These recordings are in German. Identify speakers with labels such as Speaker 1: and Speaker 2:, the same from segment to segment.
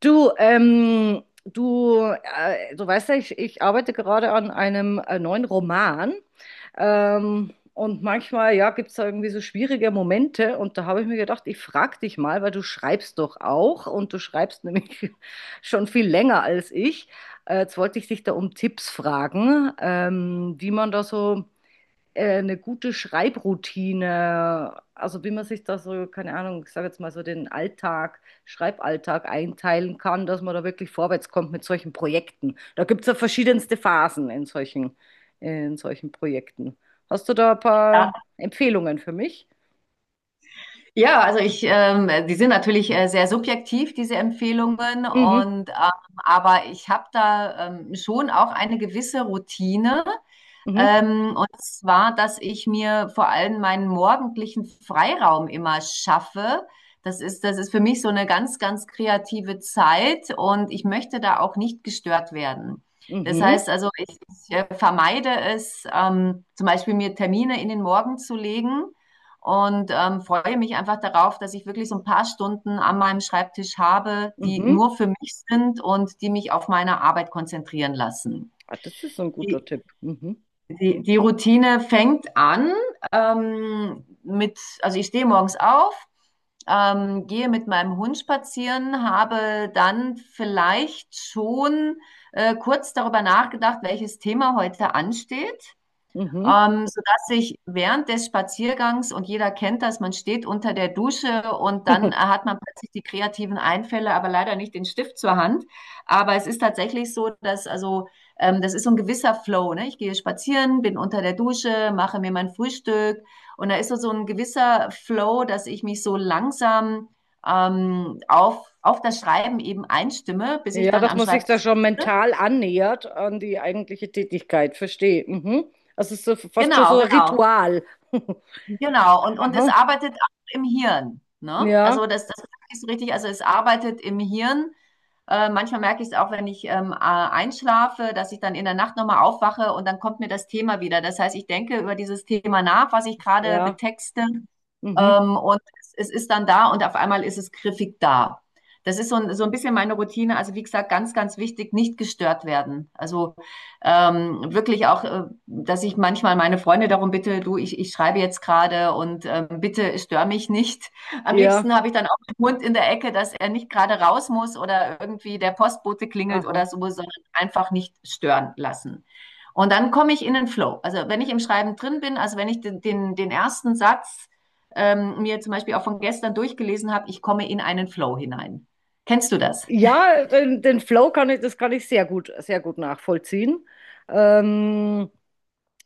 Speaker 1: Du weißt ja, ich arbeite gerade an einem neuen Roman. Und manchmal, ja, gibt es da irgendwie so schwierige Momente. Und da habe ich mir gedacht, ich frage dich mal, weil du schreibst doch auch und du schreibst nämlich schon viel länger als ich. Jetzt wollte ich dich da um Tipps fragen, wie man da so eine gute Schreibroutine, also wie man sich da so, keine Ahnung, ich sage jetzt mal so den Alltag, Schreiballtag einteilen kann, dass man da wirklich vorwärts kommt mit solchen Projekten. Da gibt es ja verschiedenste Phasen in in solchen Projekten. Hast du da ein
Speaker 2: Ja,
Speaker 1: paar Empfehlungen für mich?
Speaker 2: ja, also die sind natürlich sehr subjektiv, diese Empfehlungen,
Speaker 1: Mhm,
Speaker 2: aber ich habe da schon auch eine gewisse Routine.
Speaker 1: mhm,
Speaker 2: Und zwar, dass ich mir vor allem meinen morgendlichen Freiraum immer schaffe. Das ist für mich so eine ganz, ganz kreative Zeit und ich möchte da auch nicht gestört werden. Das
Speaker 1: mhm,
Speaker 2: heißt also, ich vermeide es, zum Beispiel mir Termine in den Morgen zu legen und freue mich einfach darauf, dass ich wirklich so ein paar Stunden an meinem Schreibtisch habe, die
Speaker 1: mhm.
Speaker 2: nur für mich sind und die mich auf meine Arbeit konzentrieren lassen.
Speaker 1: Ah, das ist so ein guter Tipp. Mhm,
Speaker 2: Die Routine fängt an also ich stehe morgens auf, gehe mit meinem Hund spazieren, habe dann vielleicht schon kurz darüber nachgedacht, welches Thema heute ansteht.
Speaker 1: mhm.
Speaker 2: Sodass ich während des Spaziergangs, und jeder kennt das, man steht unter der Dusche und dann hat man plötzlich die kreativen Einfälle, aber leider nicht den Stift zur Hand. Aber es ist tatsächlich so, dass also das ist so ein gewisser Flow. Ne? Ich gehe spazieren, bin unter der Dusche, mache mir mein Frühstück und da ist so ein gewisser Flow, dass ich mich so langsam auf das Schreiben eben einstimme, bis ich
Speaker 1: Ja,
Speaker 2: dann
Speaker 1: dass
Speaker 2: am
Speaker 1: man sich
Speaker 2: Schreibtisch
Speaker 1: da schon
Speaker 2: sitze.
Speaker 1: mental annähert an die eigentliche Tätigkeit, verstehe. Mhm. Das ist so, fast schon
Speaker 2: Genau,
Speaker 1: so ein
Speaker 2: genau.
Speaker 1: Ritual.
Speaker 2: Genau, und es
Speaker 1: Aha.
Speaker 2: arbeitet auch im Hirn. Ne?
Speaker 1: Ja,
Speaker 2: Also das ist so richtig, also es arbeitet im Hirn. Manchmal merke ich es auch, wenn ich einschlafe, dass ich dann in der Nacht nochmal aufwache und dann kommt mir das Thema wieder. Das heißt, ich denke über dieses Thema nach, was ich gerade
Speaker 1: ja,
Speaker 2: betexte,
Speaker 1: mhm.
Speaker 2: und es ist dann da und auf einmal ist es griffig da. Das ist so ein bisschen meine Routine. Also wie gesagt, ganz, ganz wichtig, nicht gestört werden. Also wirklich auch, dass ich manchmal meine Freunde darum bitte, du, ich schreibe jetzt gerade und bitte stör mich nicht. Am
Speaker 1: Ja,
Speaker 2: liebsten habe ich dann Hund in der Ecke, dass er nicht gerade raus muss oder irgendwie der Postbote klingelt oder
Speaker 1: aha.
Speaker 2: so, sondern einfach nicht stören lassen. Und dann komme ich in den Flow. Also wenn ich im Schreiben drin bin, also wenn ich den ersten Satz mir zum Beispiel auch von gestern durchgelesen habe, ich komme in einen Flow hinein. Kennst du das?
Speaker 1: Ja, den, den Flow kann ich, das kann ich sehr gut, sehr gut nachvollziehen. Ähm,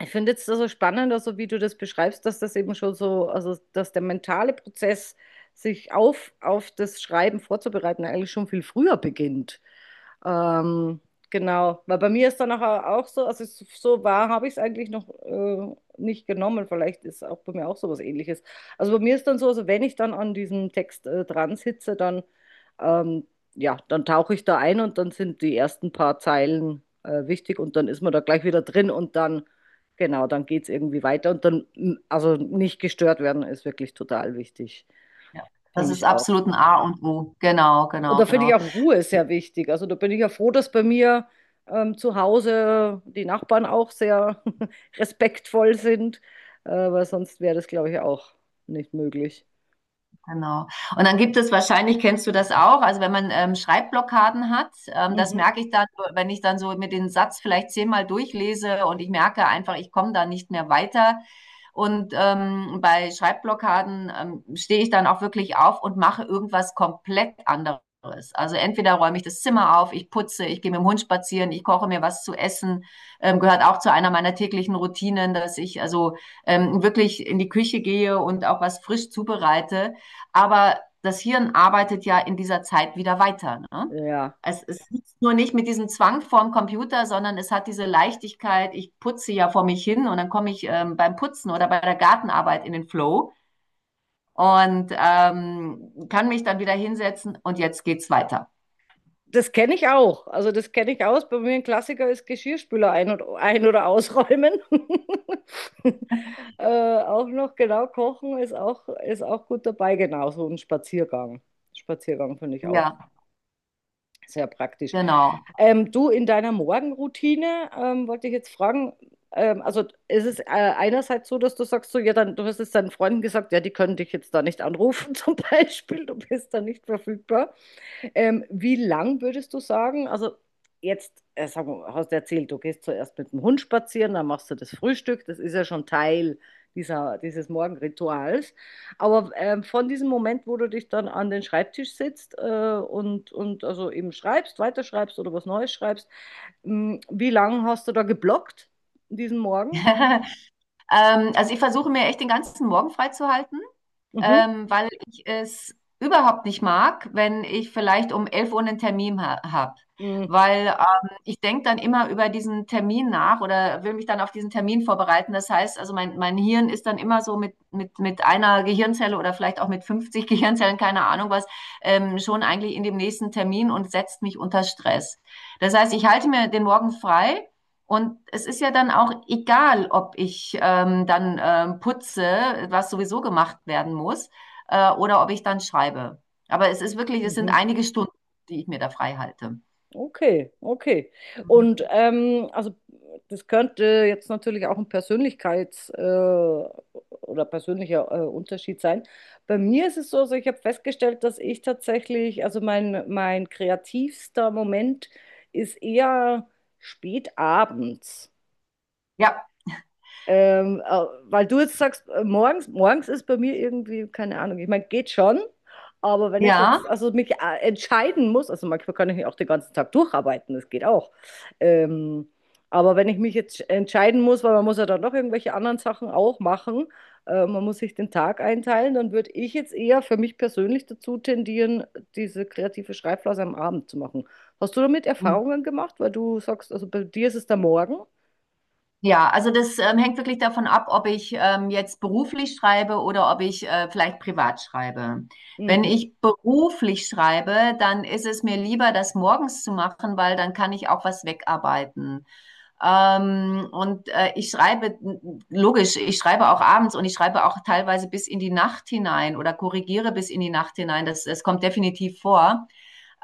Speaker 1: Ich finde jetzt also spannend, also wie du das beschreibst, dass das eben schon so, also dass der mentale Prozess, sich auf das Schreiben vorzubereiten, eigentlich schon viel früher beginnt. Ähm, genau, weil bei mir ist dann nachher auch so, also es- so wahr habe ich es eigentlich noch nicht genommen. Vielleicht ist auch bei mir auch sowas Ähnliches. Also bei mir ist dann so, also wenn ich dann an diesem Text dran sitze, dann ähm, ja, dann tauche ich da ein und dann sind die ersten paar Zeilen wichtig und dann ist man da gleich wieder drin und dann genau, dann geht es irgendwie weiter und dann also nicht gestört werden ist wirklich total wichtig,
Speaker 2: Ja. Das
Speaker 1: finde
Speaker 2: ist
Speaker 1: ich auch.
Speaker 2: absolut ein A und O. Genau,
Speaker 1: Und
Speaker 2: genau,
Speaker 1: da finde ich
Speaker 2: genau.
Speaker 1: auch Ruhe sehr wichtig. Also da bin ich ja froh, dass bei mir zu Hause die Nachbarn auch sehr respektvoll sind, weil sonst wäre das, glaube ich, auch nicht möglich.
Speaker 2: Genau. Und dann gibt es wahrscheinlich, kennst du das auch, also wenn man Schreibblockaden hat, das
Speaker 1: Mhm.
Speaker 2: merke ich dann, wenn ich dann so mit den Satz vielleicht zehnmal durchlese und ich merke einfach, ich komme da nicht mehr weiter. Und bei Schreibblockaden stehe ich dann auch wirklich auf und mache irgendwas komplett anderes. Also entweder räume ich das Zimmer auf, ich putze, ich gehe mit dem Hund spazieren, ich koche mir was zu essen. Gehört auch zu einer meiner täglichen Routinen, dass ich also wirklich in die Küche gehe und auch was frisch zubereite. Aber das Hirn arbeitet ja in dieser Zeit wieder weiter. Ne?
Speaker 1: Ja,
Speaker 2: Es ist nur nicht mit diesem Zwang vorm Computer, sondern es hat diese Leichtigkeit, ich putze ja vor mich hin und dann komme ich beim Putzen oder bei der Gartenarbeit in den Flow und kann mich dann wieder hinsetzen und jetzt geht's weiter.
Speaker 1: das kenne ich auch. Also das kenne ich aus. Bei mir ein Klassiker ist Geschirrspüler ein- oder ausräumen. äh, auch noch, genau, kochen ist auch gut dabei. Genau, so ein Spaziergang. Spaziergang finde ich auch.
Speaker 2: Ja,
Speaker 1: Sehr praktisch.
Speaker 2: genau.
Speaker 1: Du, in deiner Morgenroutine wollte ich jetzt fragen, also ist es einerseits so, dass du sagst, so, ja, dann, du hast es deinen Freunden gesagt, ja, die können dich jetzt da nicht anrufen zum Beispiel, du bist da nicht verfügbar. Wie lang würdest du sagen? Also jetzt, sag mal, hast du erzählt, du gehst zuerst mit dem Hund spazieren, dann machst du das Frühstück. Das ist ja schon Teil dieses Morgenrituals. Aber von diesem Moment, wo du dich dann an den Schreibtisch sitzt und also eben schreibst, weiterschreibst oder was Neues schreibst, wie lange hast du da geblockt diesen Morgen?
Speaker 2: ähm, also ich versuche mir echt den ganzen Morgen freizuhalten.
Speaker 1: Mhm.
Speaker 2: Weil ich es überhaupt nicht mag, wenn ich vielleicht um 11 Uhr einen Termin ha habe.
Speaker 1: Mhm.
Speaker 2: Weil ich denke dann immer über diesen Termin nach oder will mich dann auf diesen Termin vorbereiten. Das heißt, also mein Hirn ist dann immer so mit einer Gehirnzelle oder vielleicht auch mit 50 Gehirnzellen, keine Ahnung was, schon eigentlich in dem nächsten Termin und setzt mich unter Stress. Das heißt, ich halte mir den Morgen frei und es ist ja dann auch egal, ob ich dann putze, was sowieso gemacht werden muss, oder ob ich dann schreibe. Aber es ist wirklich, es sind
Speaker 1: Mhm.
Speaker 2: einige Stunden, die ich mir da frei halte.
Speaker 1: Okay, okay. Und
Speaker 2: Mhm.
Speaker 1: ähm, also das könnte jetzt natürlich auch ein oder persönlicher Unterschied sein. Bei mir ist es so, also ich habe festgestellt, dass ich tatsächlich, also mein kreativster Moment ist eher spät abends.
Speaker 2: Ja,
Speaker 1: Weil du jetzt sagst, morgens, morgens ist bei mir irgendwie, keine Ahnung, ich meine, geht schon, aber wenn ich
Speaker 2: ja.
Speaker 1: jetzt, also mich entscheiden muss, also manchmal kann ich mich auch den ganzen Tag durcharbeiten, das geht auch. Ähm, aber wenn ich mich jetzt entscheiden muss, weil man muss ja dann noch irgendwelche anderen Sachen auch machen, man muss sich den Tag einteilen, dann würde ich jetzt eher für mich persönlich dazu tendieren, diese kreative Schreibphase am Abend zu machen. Hast du damit
Speaker 2: Mhm.
Speaker 1: Erfahrungen gemacht, weil du sagst, also bei dir ist es der Morgen?
Speaker 2: Ja, also das hängt wirklich davon ab, ob ich jetzt beruflich schreibe oder ob ich vielleicht privat schreibe. Wenn
Speaker 1: Mhm.
Speaker 2: ich beruflich schreibe, dann ist es mir lieber, das morgens zu machen, weil dann kann ich auch was wegarbeiten. Und ich schreibe, logisch, ich schreibe auch abends und ich schreibe auch teilweise bis in die Nacht hinein oder korrigiere bis in die Nacht hinein. Das kommt definitiv vor.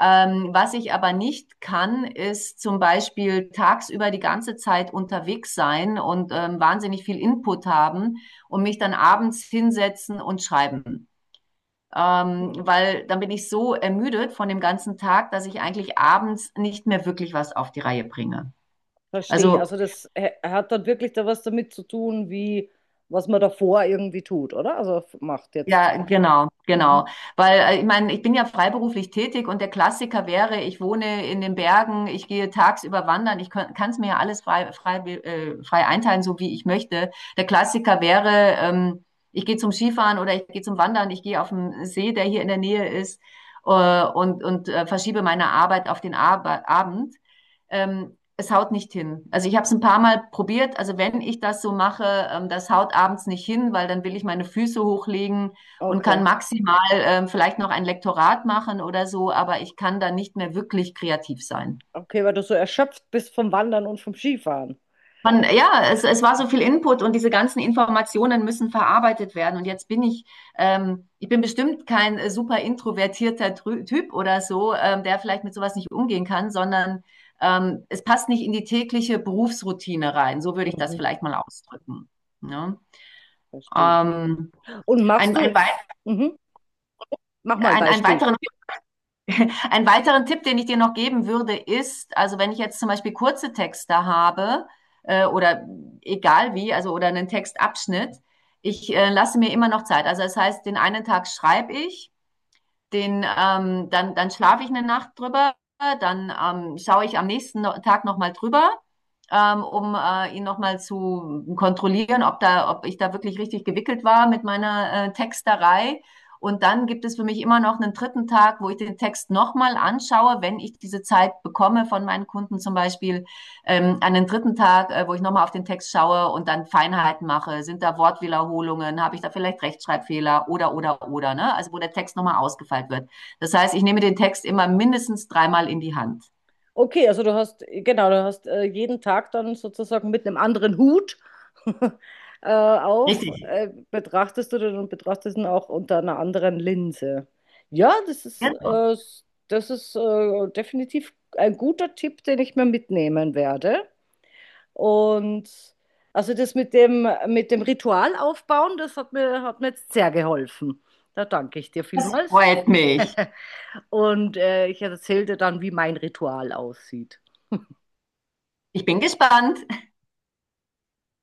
Speaker 2: Was ich aber nicht kann, ist zum Beispiel tagsüber die ganze Zeit unterwegs sein und wahnsinnig viel Input haben und mich dann abends hinsetzen und schreiben. Weil dann bin ich so ermüdet von dem ganzen Tag, dass ich eigentlich abends nicht mehr wirklich was auf die Reihe bringe.
Speaker 1: Verstehe.
Speaker 2: Also,
Speaker 1: Also das hä- hat dann wirklich da was damit zu tun, wie was man davor irgendwie tut, oder? Also f- macht jetzt.
Speaker 2: ja, genau, genau.
Speaker 1: Mhm.
Speaker 2: Weil ich meine, ich bin ja freiberuflich tätig und der Klassiker wäre, ich wohne in den Bergen, ich gehe tagsüber wandern, ich kann es mir ja alles frei einteilen, so wie ich möchte. Der Klassiker wäre, ich gehe zum Skifahren oder ich gehe zum Wandern, ich gehe auf den See, der hier in der Nähe ist, und verschiebe meine Arbeit auf den Ab Abend. Es haut nicht hin. Also ich habe es ein paar Mal probiert. Also wenn ich das so mache, das haut abends nicht hin, weil dann will ich meine Füße hochlegen und kann
Speaker 1: Okay.
Speaker 2: maximal vielleicht noch ein Lektorat machen oder so, aber ich kann dann nicht mehr wirklich kreativ sein.
Speaker 1: Okay, weil du so erschöpft bist vom Wandern und vom Skifahren.
Speaker 2: Man, ja, es war so viel Input und diese ganzen Informationen müssen verarbeitet werden. Und jetzt ich bin bestimmt kein super introvertierter Typ oder so, der vielleicht mit sowas nicht umgehen kann, sondern es passt nicht in die tägliche Berufsroutine rein. So würde ich das
Speaker 1: Mhm.
Speaker 2: vielleicht mal ausdrücken. Ne?
Speaker 1: Verstehe.
Speaker 2: Ähm,
Speaker 1: Und machst
Speaker 2: ein, ein,
Speaker 1: du, mhm. Mach mal ein
Speaker 2: ein, einen
Speaker 1: Beispiel.
Speaker 2: weiteren Einen weiteren Tipp, den ich dir noch geben würde, ist, also wenn ich jetzt zum Beispiel kurze Texte habe oder egal wie, also oder einen Textabschnitt, ich lasse mir immer noch Zeit. Also das heißt, den einen Tag schreibe ich dann schlafe ich eine Nacht drüber, dann schaue ich am nächsten no Tag nochmal drüber, um ihn nochmal zu kontrollieren, ob ich da wirklich richtig gewickelt war mit meiner Texterei. Und dann gibt es für mich immer noch einen dritten Tag, wo ich den Text nochmal anschaue, wenn ich diese Zeit bekomme von meinen Kunden zum Beispiel, an den dritten Tag, wo ich nochmal auf den Text schaue und dann Feinheiten mache, sind da Wortwiederholungen, habe ich da vielleicht Rechtschreibfehler oder, ne? Also wo der Text nochmal ausgefeilt wird. Das heißt, ich nehme den Text immer mindestens dreimal in die Hand.
Speaker 1: Okay, also du hast, genau, du hast jeden Tag dann sozusagen mit einem anderen Hut
Speaker 2: Richtig.
Speaker 1: betrachtest du den und betrachtest ihn auch unter einer anderen Linse. Ja, das ist definitiv ein guter Tipp, den ich mir mitnehmen werde. Und also das mit mit dem Ritual aufbauen, das hat hat mir jetzt sehr geholfen. Da danke ich dir
Speaker 2: Das
Speaker 1: vielmals.
Speaker 2: freut mich.
Speaker 1: Und ich erzähle dir dann, wie mein Ritual aussieht.
Speaker 2: Ich bin gespannt.